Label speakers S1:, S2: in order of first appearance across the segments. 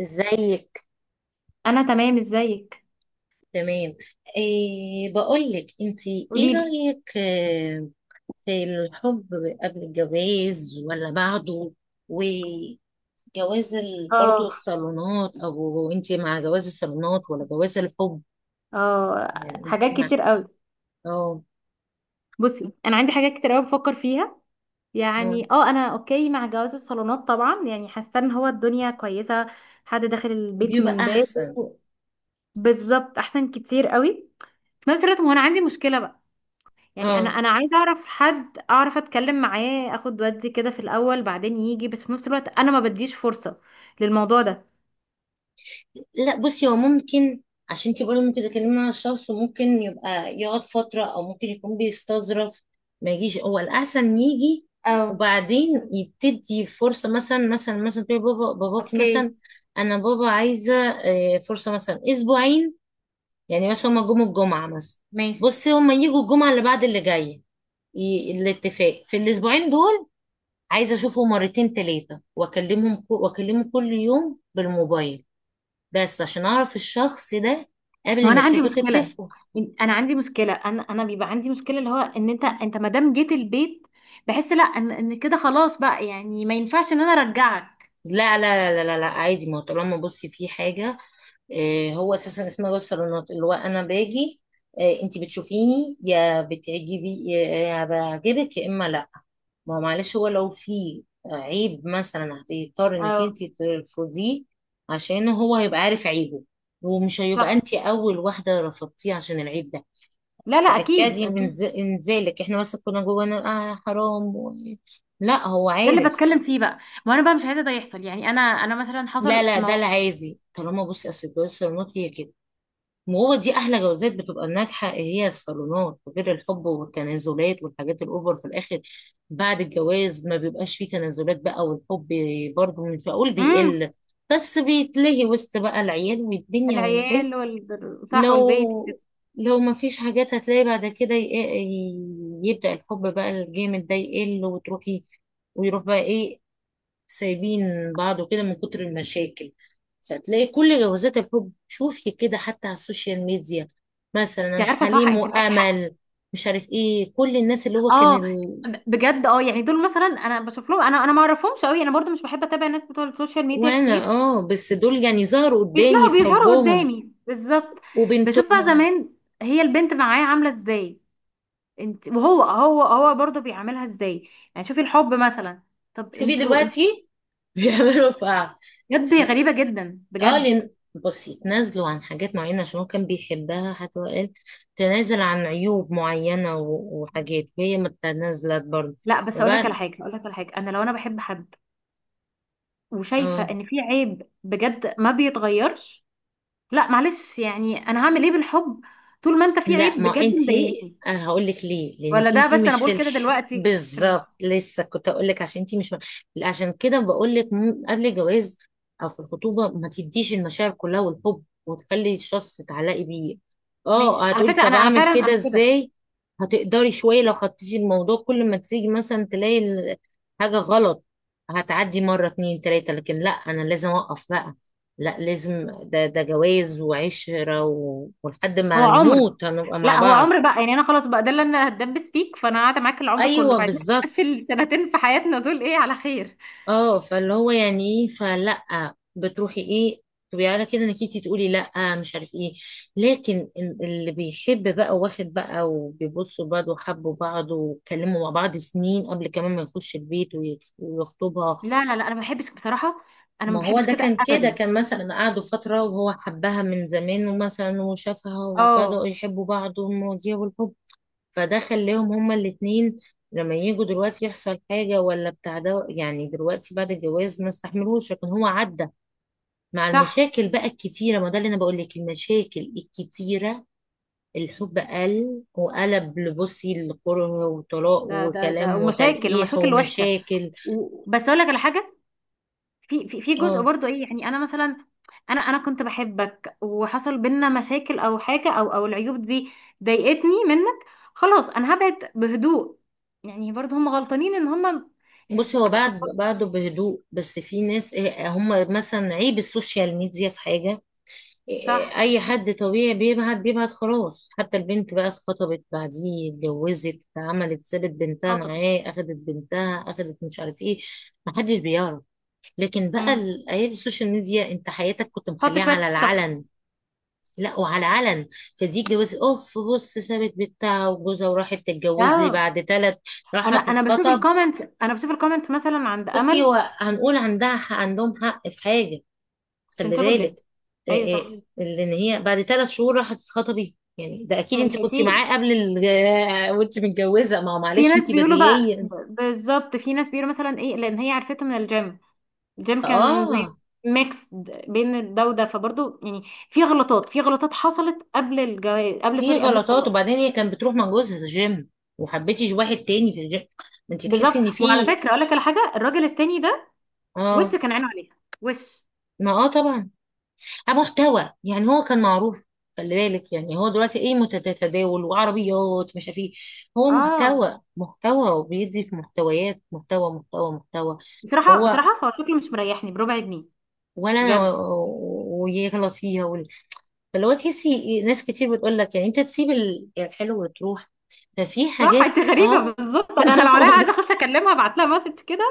S1: ازيك.
S2: انا تمام، ازيك؟
S1: تمام. إيه بقولك، انتي ايه
S2: قوليلي.
S1: رأيك في الحب قبل الجواز ولا بعده وجواز برضو
S2: اه.
S1: الصالونات، او انتي مع جواز الصالونات ولا جواز الحب؟
S2: اه.
S1: يعني
S2: حاجات
S1: انتي مع
S2: كتير قوي.
S1: اه
S2: بصي، انا عندي حاجات كتير قوي بفكر فيها.
S1: آه،
S2: يعني انا اوكي مع جواز الصالونات طبعا، يعني حاسه ان هو الدنيا كويسه. حد داخل البيت
S1: بيبقى
S2: من
S1: احسن.
S2: بابه. بالظبط، احسن كتير قوي. في نفس الوقت، ما هو انا عندي مشكله بقى. يعني انا
S1: اه.
S2: انا عايزه اعرف حد، اعرف اتكلم معاه، اخد ودي كده في الاول بعدين يجي، بس في نفس الوقت انا ما بديش فرصه للموضوع ده.
S1: لا بصي، هو ممكن عشان انت برضه ممكن تتكلمي مع الشخص وممكن يبقى يقعد فترة او ممكن يكون بيستظرف. ما يجيش، هو الاحسن يجي
S2: اه.
S1: وبعدين يبتدي فرصة مثلا. تقولي باباكي مثلا
S2: اوكي،
S1: انا بابا عايزة فرصة مثلا اسبوعين، يعني مثلا هما جم الجمعة مثلا.
S2: ماشي.
S1: بصي، هما يجوا الجمعة اللي بعد اللي جاية. الاتفاق في الاسبوعين دول عايزة اشوفه مرتين تلاتة واكلمهم واكلمه كل يوم بالموبايل بس عشان اعرف الشخص ده
S2: هو
S1: قبل
S2: انا
S1: ما
S2: عندي
S1: تيجوا
S2: مشكله،
S1: تتفقوا.
S2: انا عندي مشكله، انا بيبقى عندي مشكله اللي هو ان انت ما دام جيت البيت، بحس لا، ان كده خلاص بقى، يعني ما ينفعش ان انا ارجعك.
S1: لا لا لا لا لا، عادي. ما هو طالما بصي في حاجة، هو اساسا اسمها جوز صالونات، اللي هو انا باجي، انت بتشوفيني، يا بتعجبي يا بعجبك يا اما لا. ما هو معلش، هو لو في عيب مثلا هتضطر انك
S2: اه.
S1: انت ترفضيه عشان هو هيبقى عارف عيبه، ومش هيبقى
S2: صح.
S1: انت اول واحدة رفضتيه عشان العيب ده.
S2: لا لا، اكيد
S1: تأكدي من
S2: اكيد.
S1: انزالك، احنا مثلا كنا جوه نقول اه حرام لا هو
S2: ده اللي
S1: عارف.
S2: بتكلم فيه بقى. ما انا بقى مش عايزه ده يحصل، يعني انا مثلا
S1: لا
S2: حصل
S1: لا، ده
S2: ما.
S1: العادي. طالما بصي اصل الجواز الصالونات هي كده، وهو دي احلى جوازات بتبقى ناجحه هي الصالونات، غير الحب والتنازلات والحاجات الاوفر في الاخر. بعد الجواز ما بيبقاش فيه تنازلات بقى، والحب برضه مش بقول
S2: امم.
S1: بيقل، بس بيتلهي وسط بقى العيال والدنيا والبيت.
S2: العيال صح، والبيت.
S1: لو لو ما فيش حاجات هتلاقي بعد كده، يبدأ الحب بقى الجامد ده يقل وتروحي ويروح بقى ايه، سايبين بعض وكده من كتر المشاكل. فتلاقي كل جوازات الحب، شوفي كده حتى على السوشيال ميديا، مثلا
S2: انت عارفه، صح،
S1: حليم
S2: انت معاكي حق.
S1: وأمل، مش عارف ايه، كل الناس اللي هو كان
S2: اه، بجد، يعني دول مثلا انا بشوف لهم، انا ما اعرفهمش قوي، انا برضو مش بحب اتابع الناس بتوع السوشيال ميديا
S1: وانا
S2: كتير.
S1: اه، بس دول يعني ظهروا قدامي
S2: بيطلعوا
S1: في
S2: بيظهروا
S1: حبهم
S2: قدامي بالظبط. بشوف بقى
S1: وبنتهم.
S2: زمان هي البنت معاه عامله ازاي، انت، وهو هو برضه بيعاملها ازاي. يعني شوفي الحب مثلا. طب
S1: شوفي
S2: انتوا
S1: دلوقتي بيعملوا في بعض.
S2: بجد غريبه جدا
S1: اه
S2: بجد.
S1: لن... بصي، تنازلوا عن حاجات معينة عشان هو كان بيحبها، حتى هو قال تنازل عن عيوب معينة وحاجات، وهي ما تنازلت برضه
S2: لا، بس اقول لك على
S1: وبعد.
S2: حاجه، اقول لك على حاجه، انا لو انا بحب حد وشايفه
S1: اه
S2: ان في عيب بجد ما بيتغيرش، لا معلش، يعني انا هعمل ايه بالحب طول ما انت في
S1: لا،
S2: عيب
S1: ما
S2: بجد
S1: انتي
S2: مضايقني.
S1: هقول لك ليه،
S2: ولا
S1: لانك
S2: ده،
S1: انتي
S2: بس انا
S1: مش
S2: بقول كده
S1: فلح
S2: دلوقتي عشان
S1: بالظبط، لسه كنت هقول لك عشان انتي مش لا، عشان كده بقول لك قبل الجواز او في الخطوبه ما تديش المشاعر كلها والحب وتخلي الشخص تعلقي بيه. اه،
S2: ماشي. على
S1: هتقولي
S2: فكره
S1: طب
S2: انا
S1: اعمل
S2: فعلا
S1: كده
S2: انا كده.
S1: ازاي؟ هتقدري شويه لو خدتي الموضوع كل ما تيجي مثلا تلاقي حاجه غلط هتعدي مره اتنين تلاته، لكن لا، انا لازم اوقف بقى. لا لازم، ده جواز وعشرة ولحد
S2: هو
S1: ما
S2: عمر،
S1: نموت هنبقى مع
S2: لا، هو
S1: بعض.
S2: عمر بقى، يعني انا خلاص بقى ده اللي انا هتدبس فيك، فانا قاعده معاك العمر كله،
S1: ايوه
S2: فعايزين
S1: بالظبط.
S2: نمشي السنتين في حياتنا دول ايه على خير.
S1: اه، فاللي هو يعني ايه، فلا بتروحي ايه تبقي على كده انك انتي تقولي لا مش عارف ايه. لكن اللي بيحب بقى واخد بقى وبيبصوا بعض وحبوا بعض واتكلموا مع بعض سنين قبل كمان ما يخش البيت ويخطبها.
S2: لا لا لا، انا ما بحبش بصراحه، انا ما
S1: ما هو
S2: بحبش
S1: ده
S2: كده
S1: كان كده،
S2: ابدا.
S1: كان مثلا قعدوا فترة وهو حبها من زمان ومثلا وشافها وبدأوا
S2: اه.
S1: يحبوا بعض والمواضيع والحب، فده خلاهم هما الاتنين لما يجوا دلوقتي يحصل حاجة ولا بتاع ده. يعني دلوقتي بعد الجواز ما استحملوش، لكن هو عدى مع
S2: صح.
S1: المشاكل بقى الكتيرة. ما ده اللي أنا بقول لك، المشاكل الكتيرة الحب قل وقلب لبصي الكره وطلاق
S2: ده
S1: وكلام
S2: ومشاكل،
S1: وتلقيح
S2: ومشاكل وحشه.
S1: ومشاكل.
S2: بس اقول لك على حاجه. في جزء
S1: اه
S2: برضو ايه، يعني انا مثلا، انا كنت بحبك، وحصل بينا مشاكل او حاجه، او العيوب دي ضايقتني منك، خلاص انا هبعد بهدوء. يعني برضو هم غلطانين ان هم
S1: بصي، هو
S2: كبروا.
S1: بعده بهدوء، بس في ناس هم مثلا عيب السوشيال ميديا في حاجة.
S2: صح.
S1: اي حد طبيعي بيبعد بيبعد خلاص، حتى البنت بقى اتخطبت بعديه اتجوزت عملت سابت بنتها
S2: اه، طبعا.
S1: معاه اخدت بنتها اخدت مش عارف ايه، محدش بيعرف. لكن بقى
S2: امم.
S1: ايام السوشيال ميديا انت حياتك كنت
S2: حط
S1: مخليها
S2: شويه
S1: على
S2: شطه.
S1: العلن. لا، وعلى العلن فدي اتجوزت، اوف بص، سابت بنتها وجوزها وراحت تتجوز لي
S2: اه،
S1: بعد ثلاث،
S2: انا
S1: راحت
S2: انا بشوف
S1: تتخطب.
S2: الكومنتس، انا بشوف الكومنتس مثلا عند
S1: بصي،
S2: امل،
S1: هو هنقول عندهم حق في حاجة،
S2: عشان
S1: خلي
S2: سابوا
S1: بالك.
S2: البنت. ايوه، صح.
S1: لان هي بعد ثلاث شهور راحت تتخطبي يعني، ده اكيد
S2: ما
S1: انت كنت معاه
S2: لحقتيش.
S1: قبل وانت متجوزه. ما هو
S2: في
S1: معلش
S2: ناس
S1: انت
S2: بيقولوا بقى،
S1: بديهيا.
S2: بالظبط، في ناس بيقولوا مثلا ايه لان هي عرفته من الجيم. الجيم كان زي
S1: اه
S2: ميكس بين ده وده، فبرضه يعني في غلطات، في غلطات حصلت قبل الجواز،
S1: في
S2: قبل
S1: غلطات.
S2: الطلاق.
S1: وبعدين هي كانت بتروح مع جوزها الجيم، وحبيتيش واحد تاني في الجيم، ما انت تحسي ان
S2: بالظبط.
S1: في.
S2: وعلى فكره، اقول لك على حاجه، الراجل التاني ده
S1: اه،
S2: وشه كان عينه عليها، وش
S1: ما اه طبعا. محتوى، يعني هو كان معروف، خلي بالك. يعني هو دلوقتي ايه تتداول وعربيات مش عارف ايه، هو
S2: اه.
S1: محتوى محتوى وبيدي في محتويات محتوى محتوى محتوى.
S2: بصراحه
S1: فهو
S2: بصراحه هو شكله مش مريحني بربع جنيه.
S1: ولا انا
S2: بجد.
S1: ويغلطيها فاللي هو تحسي ناس كتير بتقول لك يعني انت تسيب الحلو وتروح. ففي
S2: صح،
S1: حاجات
S2: انت غريبه،
S1: اه.
S2: بالظبط. انا، لو عليا عايزه اخش اكلمها، ابعت لها مسج كده.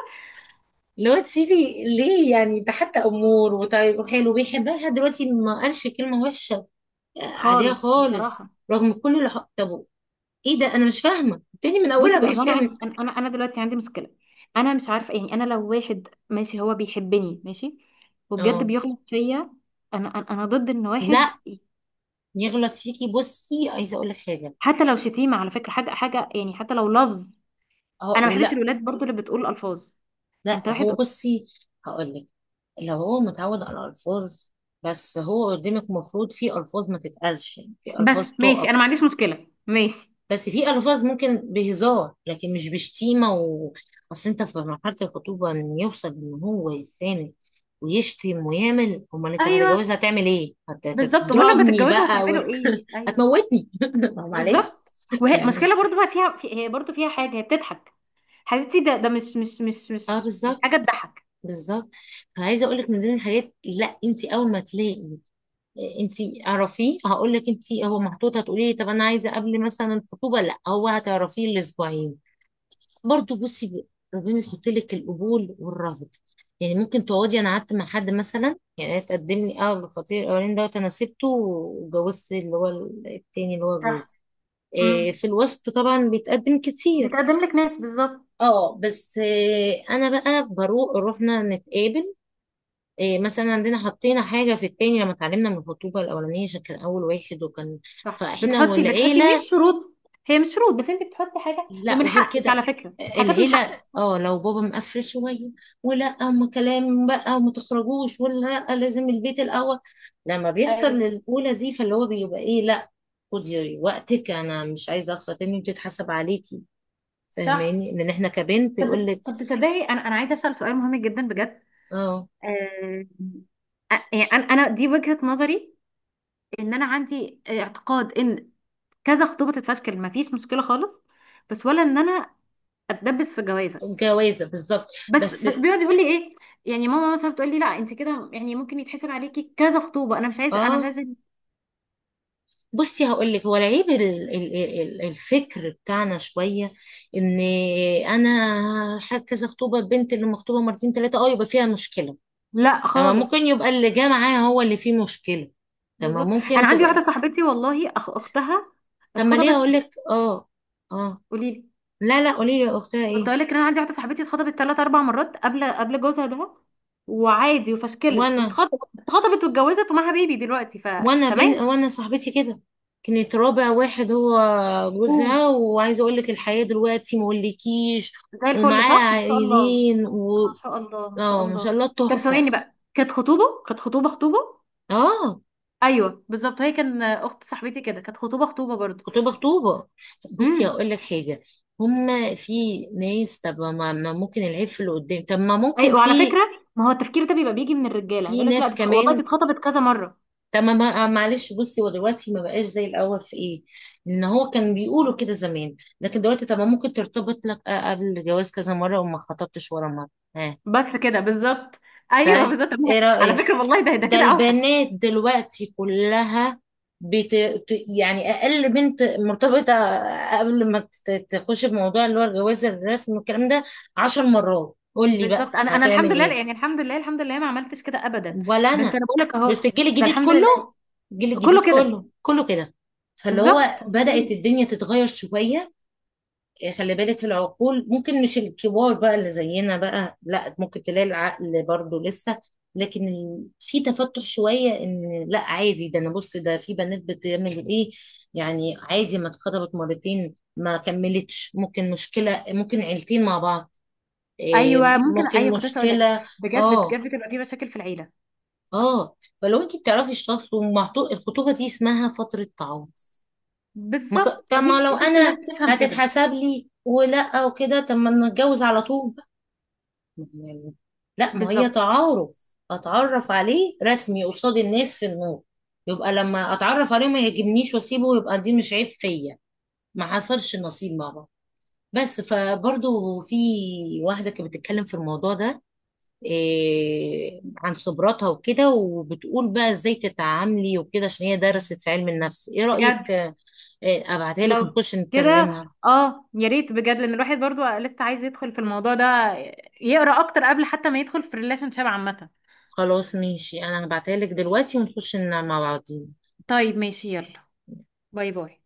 S1: اللي هو تسيبي ليه يعني؟ ده حتى امور وطيب وحلو بيحبها لحد دلوقتي ما قالش كلمه وحشه عليها
S2: خالص
S1: خالص
S2: بصراحه.
S1: رغم كل اللي طب ايه ده؟ انا مش فاهمه. التاني من اولها
S2: بصي بقى، هو انا
S1: بيشتمك.
S2: عندي انا انا أنا دلوقتي عندي مشكله. انا مش عارفه، يعني انا لو واحد ماشي هو بيحبني ماشي، وبجد
S1: اه
S2: بيغلط فيا، انا انا أنا ضد ان واحد
S1: لا يغلط فيكي، بصي عايزه اقول لك حاجه.
S2: حتى لو شتيمه، على فكره حاجه حاجه، يعني حتى لو لفظ.
S1: اه
S2: انا ما بحبش
S1: ولا.
S2: الولاد برضو اللي بتقول الفاظ. انت
S1: لا
S2: واحد،
S1: هو بصي هقول لك، لو هو متعود على الفاظ، بس هو قدامك مفروض في الفاظ ما تتقالش، يعني في الفاظ
S2: بس ماشي، انا ما
S1: تقف.
S2: عنديش مشكله ماشي.
S1: بس في الفاظ ممكن بهزار، لكن مش بشتيمه اصل انت في مرحله الخطوبه ان يوصل ان هو يتخانق ويشتم ويعمل، امال انت بعد
S2: ايوه،
S1: الجواز هتعمل ايه؟
S2: بالظبط، امال لما
S1: هتضربني
S2: تتجوزوا
S1: بقى
S2: هتعملوا ايه؟ ايوه،
S1: هتموتني ما معلش
S2: بالظبط. وهي
S1: يعني.
S2: مشكله برضو بقى فيها، هي برضو فيها حاجه، هي بتضحك. حبيبتي، ده مش مش مش
S1: اه
S2: مش مش
S1: بالظبط،
S2: حاجه تضحك.
S1: بالظبط. عايزه اقول لك، من ضمن الحاجات لا، انت اول ما تلاقي انتي اعرفيه، هقول لك انتي هو محطوط. هتقولي لي طب انا عايزه قبل مثلا الخطوبه لا، هو هتعرفيه الاسبوعين برضو. بصي ربنا يحط لك القبول والرفض. يعني ممكن تقعدي، انا قعدت مع حد مثلا، يعني تقدم لي اه الخطيب الاولاني دوت انا سبته وجوزت اللي هو التاني اللي هو
S2: صح.
S1: جوزي. إيه،
S2: امم.
S1: في الوسط طبعا بيتقدم كتير.
S2: بتقدم لك ناس، بالظبط.
S1: اه بس إيه، انا بقى بروح، رحنا نتقابل إيه، مثلا عندنا حطينا حاجة في التاني لما اتعلمنا من الخطوبة الأولانية عشان كان أول واحد، وكان
S2: صح،
S1: فإحنا
S2: بتحطي مش
S1: والعيلة.
S2: شروط. هي مش شروط، بس انت بتحطي حاجه،
S1: لا
S2: ومن
S1: وغير
S2: حقك، على
S1: كده
S2: فكره، حاجات من حقك.
S1: العيلة، اه لو بابا مقفل شوية ولا أما كلام بقى وما تخرجوش ولا، لأ لازم البيت الأول لما بيحصل
S2: ايوه،
S1: الأولى دي. فاللي هو بيبقى إيه لا، خدي وقتك، أنا مش عايزة أخسر تاني بتتحسب عليكي
S2: صح.
S1: فاهماني، لأن إحنا كبنت يقول
S2: طب
S1: لك
S2: طب تصدقي انا عايزه اسال سؤال مهم جدا بجد.
S1: اه
S2: آه، يعني أنا دي وجهه نظري، ان انا عندي اعتقاد ان كذا خطوبه تتفشكل ما فيش مشكله خالص، بس ولا ان انا اتدبس في جوازه.
S1: جوازة بالظبط
S2: بس
S1: بس.
S2: بس بيقعد يقول لي ايه، يعني ماما مثلا بتقول لي لا انت كده يعني ممكن يتحسب عليكي كذا خطوبه، انا مش عايزه، انا مش
S1: اه
S2: عايزه.
S1: بصي هقول لك، هو العيب الفكر بتاعنا شويه ان انا كذا خطوبه البنت اللي مخطوبه مرتين ثلاثه اه يبقى فيها مشكله.
S2: لا
S1: تمام، ممكن
S2: خالص.
S1: يبقى اللي جه معاها هو اللي فيه مشكله. تمام،
S2: بالظبط.
S1: ممكن
S2: انا عندي
S1: تبقى.
S2: واحده صاحبتي والله، اختها
S1: طب ما ليه اقول
S2: اتخطبت.
S1: لك، اه. اه
S2: قولي لي.
S1: لا لا، قولي لي يا اختها
S2: كنت
S1: ايه.
S2: اقول لك ان انا عندي واحده صاحبتي اتخطبت ثلاث اربع مرات قبل جوزها ده، وعادي، وفشكلت،
S1: وانا
S2: واتخطبت، واتجوزت، ومعاها بيبي دلوقتي، فتمام.
S1: وانا صاحبتي كده، كانت رابع واحد هو
S2: أوه.
S1: جوزها. وعايزه اقول لك الحياه دلوقتي مقولكيش،
S2: زي الفل،
S1: ومعاها
S2: صح، ما شاء الله.
S1: عائلين
S2: ما شاء الله، ما شاء
S1: اه ما شاء
S2: الله.
S1: الله
S2: طب
S1: تحفة.
S2: ثواني بقى، كانت خطوبه، كانت خطوبه خطوبه.
S1: اه
S2: ايوه بالظبط، هي كان اخت صاحبتي كده كانت خطوبه خطوبه برضو.
S1: خطوبة خطوبة، بصي
S2: امم.
S1: هقول لك حاجة. هما في ناس، طب ما ممكن العيب في اللي قدام؟ طب ما ممكن
S2: ايوه، وعلى
S1: في،
S2: فكره، ما هو التفكير ده بيبقى بيجي من الرجاله،
S1: في
S2: يقول لك لا
S1: ناس
S2: دي، والله دي
S1: كمان.
S2: اتخطبت كذا مره.
S1: طب معلش بصي، هو دلوقتي ما بقاش زي الأول في ايه، ان هو كان بيقولوا كده زمان، لكن دلوقتي طب ما ممكن ترتبط لك قبل الجواز كذا مرة وما خطبتش ولا مرة. ها.
S2: بس كده، بالظبط. ايوه
S1: طيب،
S2: بالظبط، طب ما-
S1: ايه
S2: على
S1: رأيك
S2: فكره والله، ده
S1: ده
S2: كده اوحش.
S1: البنات دلوقتي كلها بت... يعني اقل بنت مرتبطه قبل ما تخش في موضوع اللي هو الجواز الرسمي والكلام ده عشر مرات. قول لي بقى
S2: بالظبط، انا الحمد
S1: هتعمل
S2: لله،
S1: ايه.
S2: يعني الحمد لله، الحمد لله ما عملتش كده ابدا.
S1: ولا
S2: بس
S1: انا.
S2: انا بقول لك اهو.
S1: بس الجيل
S2: ده
S1: الجديد
S2: الحمد
S1: كله،
S2: لله.
S1: الجيل
S2: كله
S1: الجديد
S2: كده.
S1: كله كده. فاللي
S2: بالظبط.
S1: هو بدأت الدنيا تتغير شويه. خلي بالك، في العقول ممكن مش الكبار بقى اللي زينا بقى، لا ممكن تلاقي العقل برضو لسه. لكن في تفتح شوية ان لا عادي، ده انا بص ده في بنات بتعمل ايه يعني. عادي، ما اتخطبت مرتين ما كملتش، ممكن مشكلة، ممكن عيلتين مع بعض
S2: ايوه ممكن،
S1: ممكن
S2: ايوه كنت لسه اقول لك،
S1: مشكلة.
S2: بجد
S1: اه
S2: بجد بتبقى في مشاكل في العيله.
S1: اه. فلو انت بتعرفي تشتغلي الخطوبة دي اسمها فترة تعوض. ما ك... طب
S2: بالظبط.
S1: ما لو
S2: نفسي نفسي الناس
S1: انا
S2: تفهم كده.
S1: هتتحسب لي ولا وكده، طب ما نتجوز على طول بقى يعني؟ لا، ما هي
S2: بالظبط.
S1: تعارف، اتعرف عليه رسمي قصاد الناس في النور. يبقى لما اتعرف عليه ما يعجبنيش واسيبه، يبقى دي مش عيب فيا، ما حصلش نصيب مع بعض بس. فبرضو في واحدة كانت بتتكلم في الموضوع ده إيه، عن خبراتها وكده، وبتقول بقى ازاي تتعاملي وكده عشان هي درست في علم النفس. ايه
S2: بجد.
S1: رأيك ابعتها لك
S2: لو
S1: ونخش
S2: كده،
S1: نتكلمها؟
S2: اه، يا ريت بجد، لان الواحد برضو لسه عايز يدخل في الموضوع ده، يقرا اكتر قبل حتى ما يدخل في الريليشن شيب عامه.
S1: خلاص ماشي، انا هبعتها لك دلوقتي ونخش ننام مع بعض.
S2: طيب ماشي، يلا. باي باي.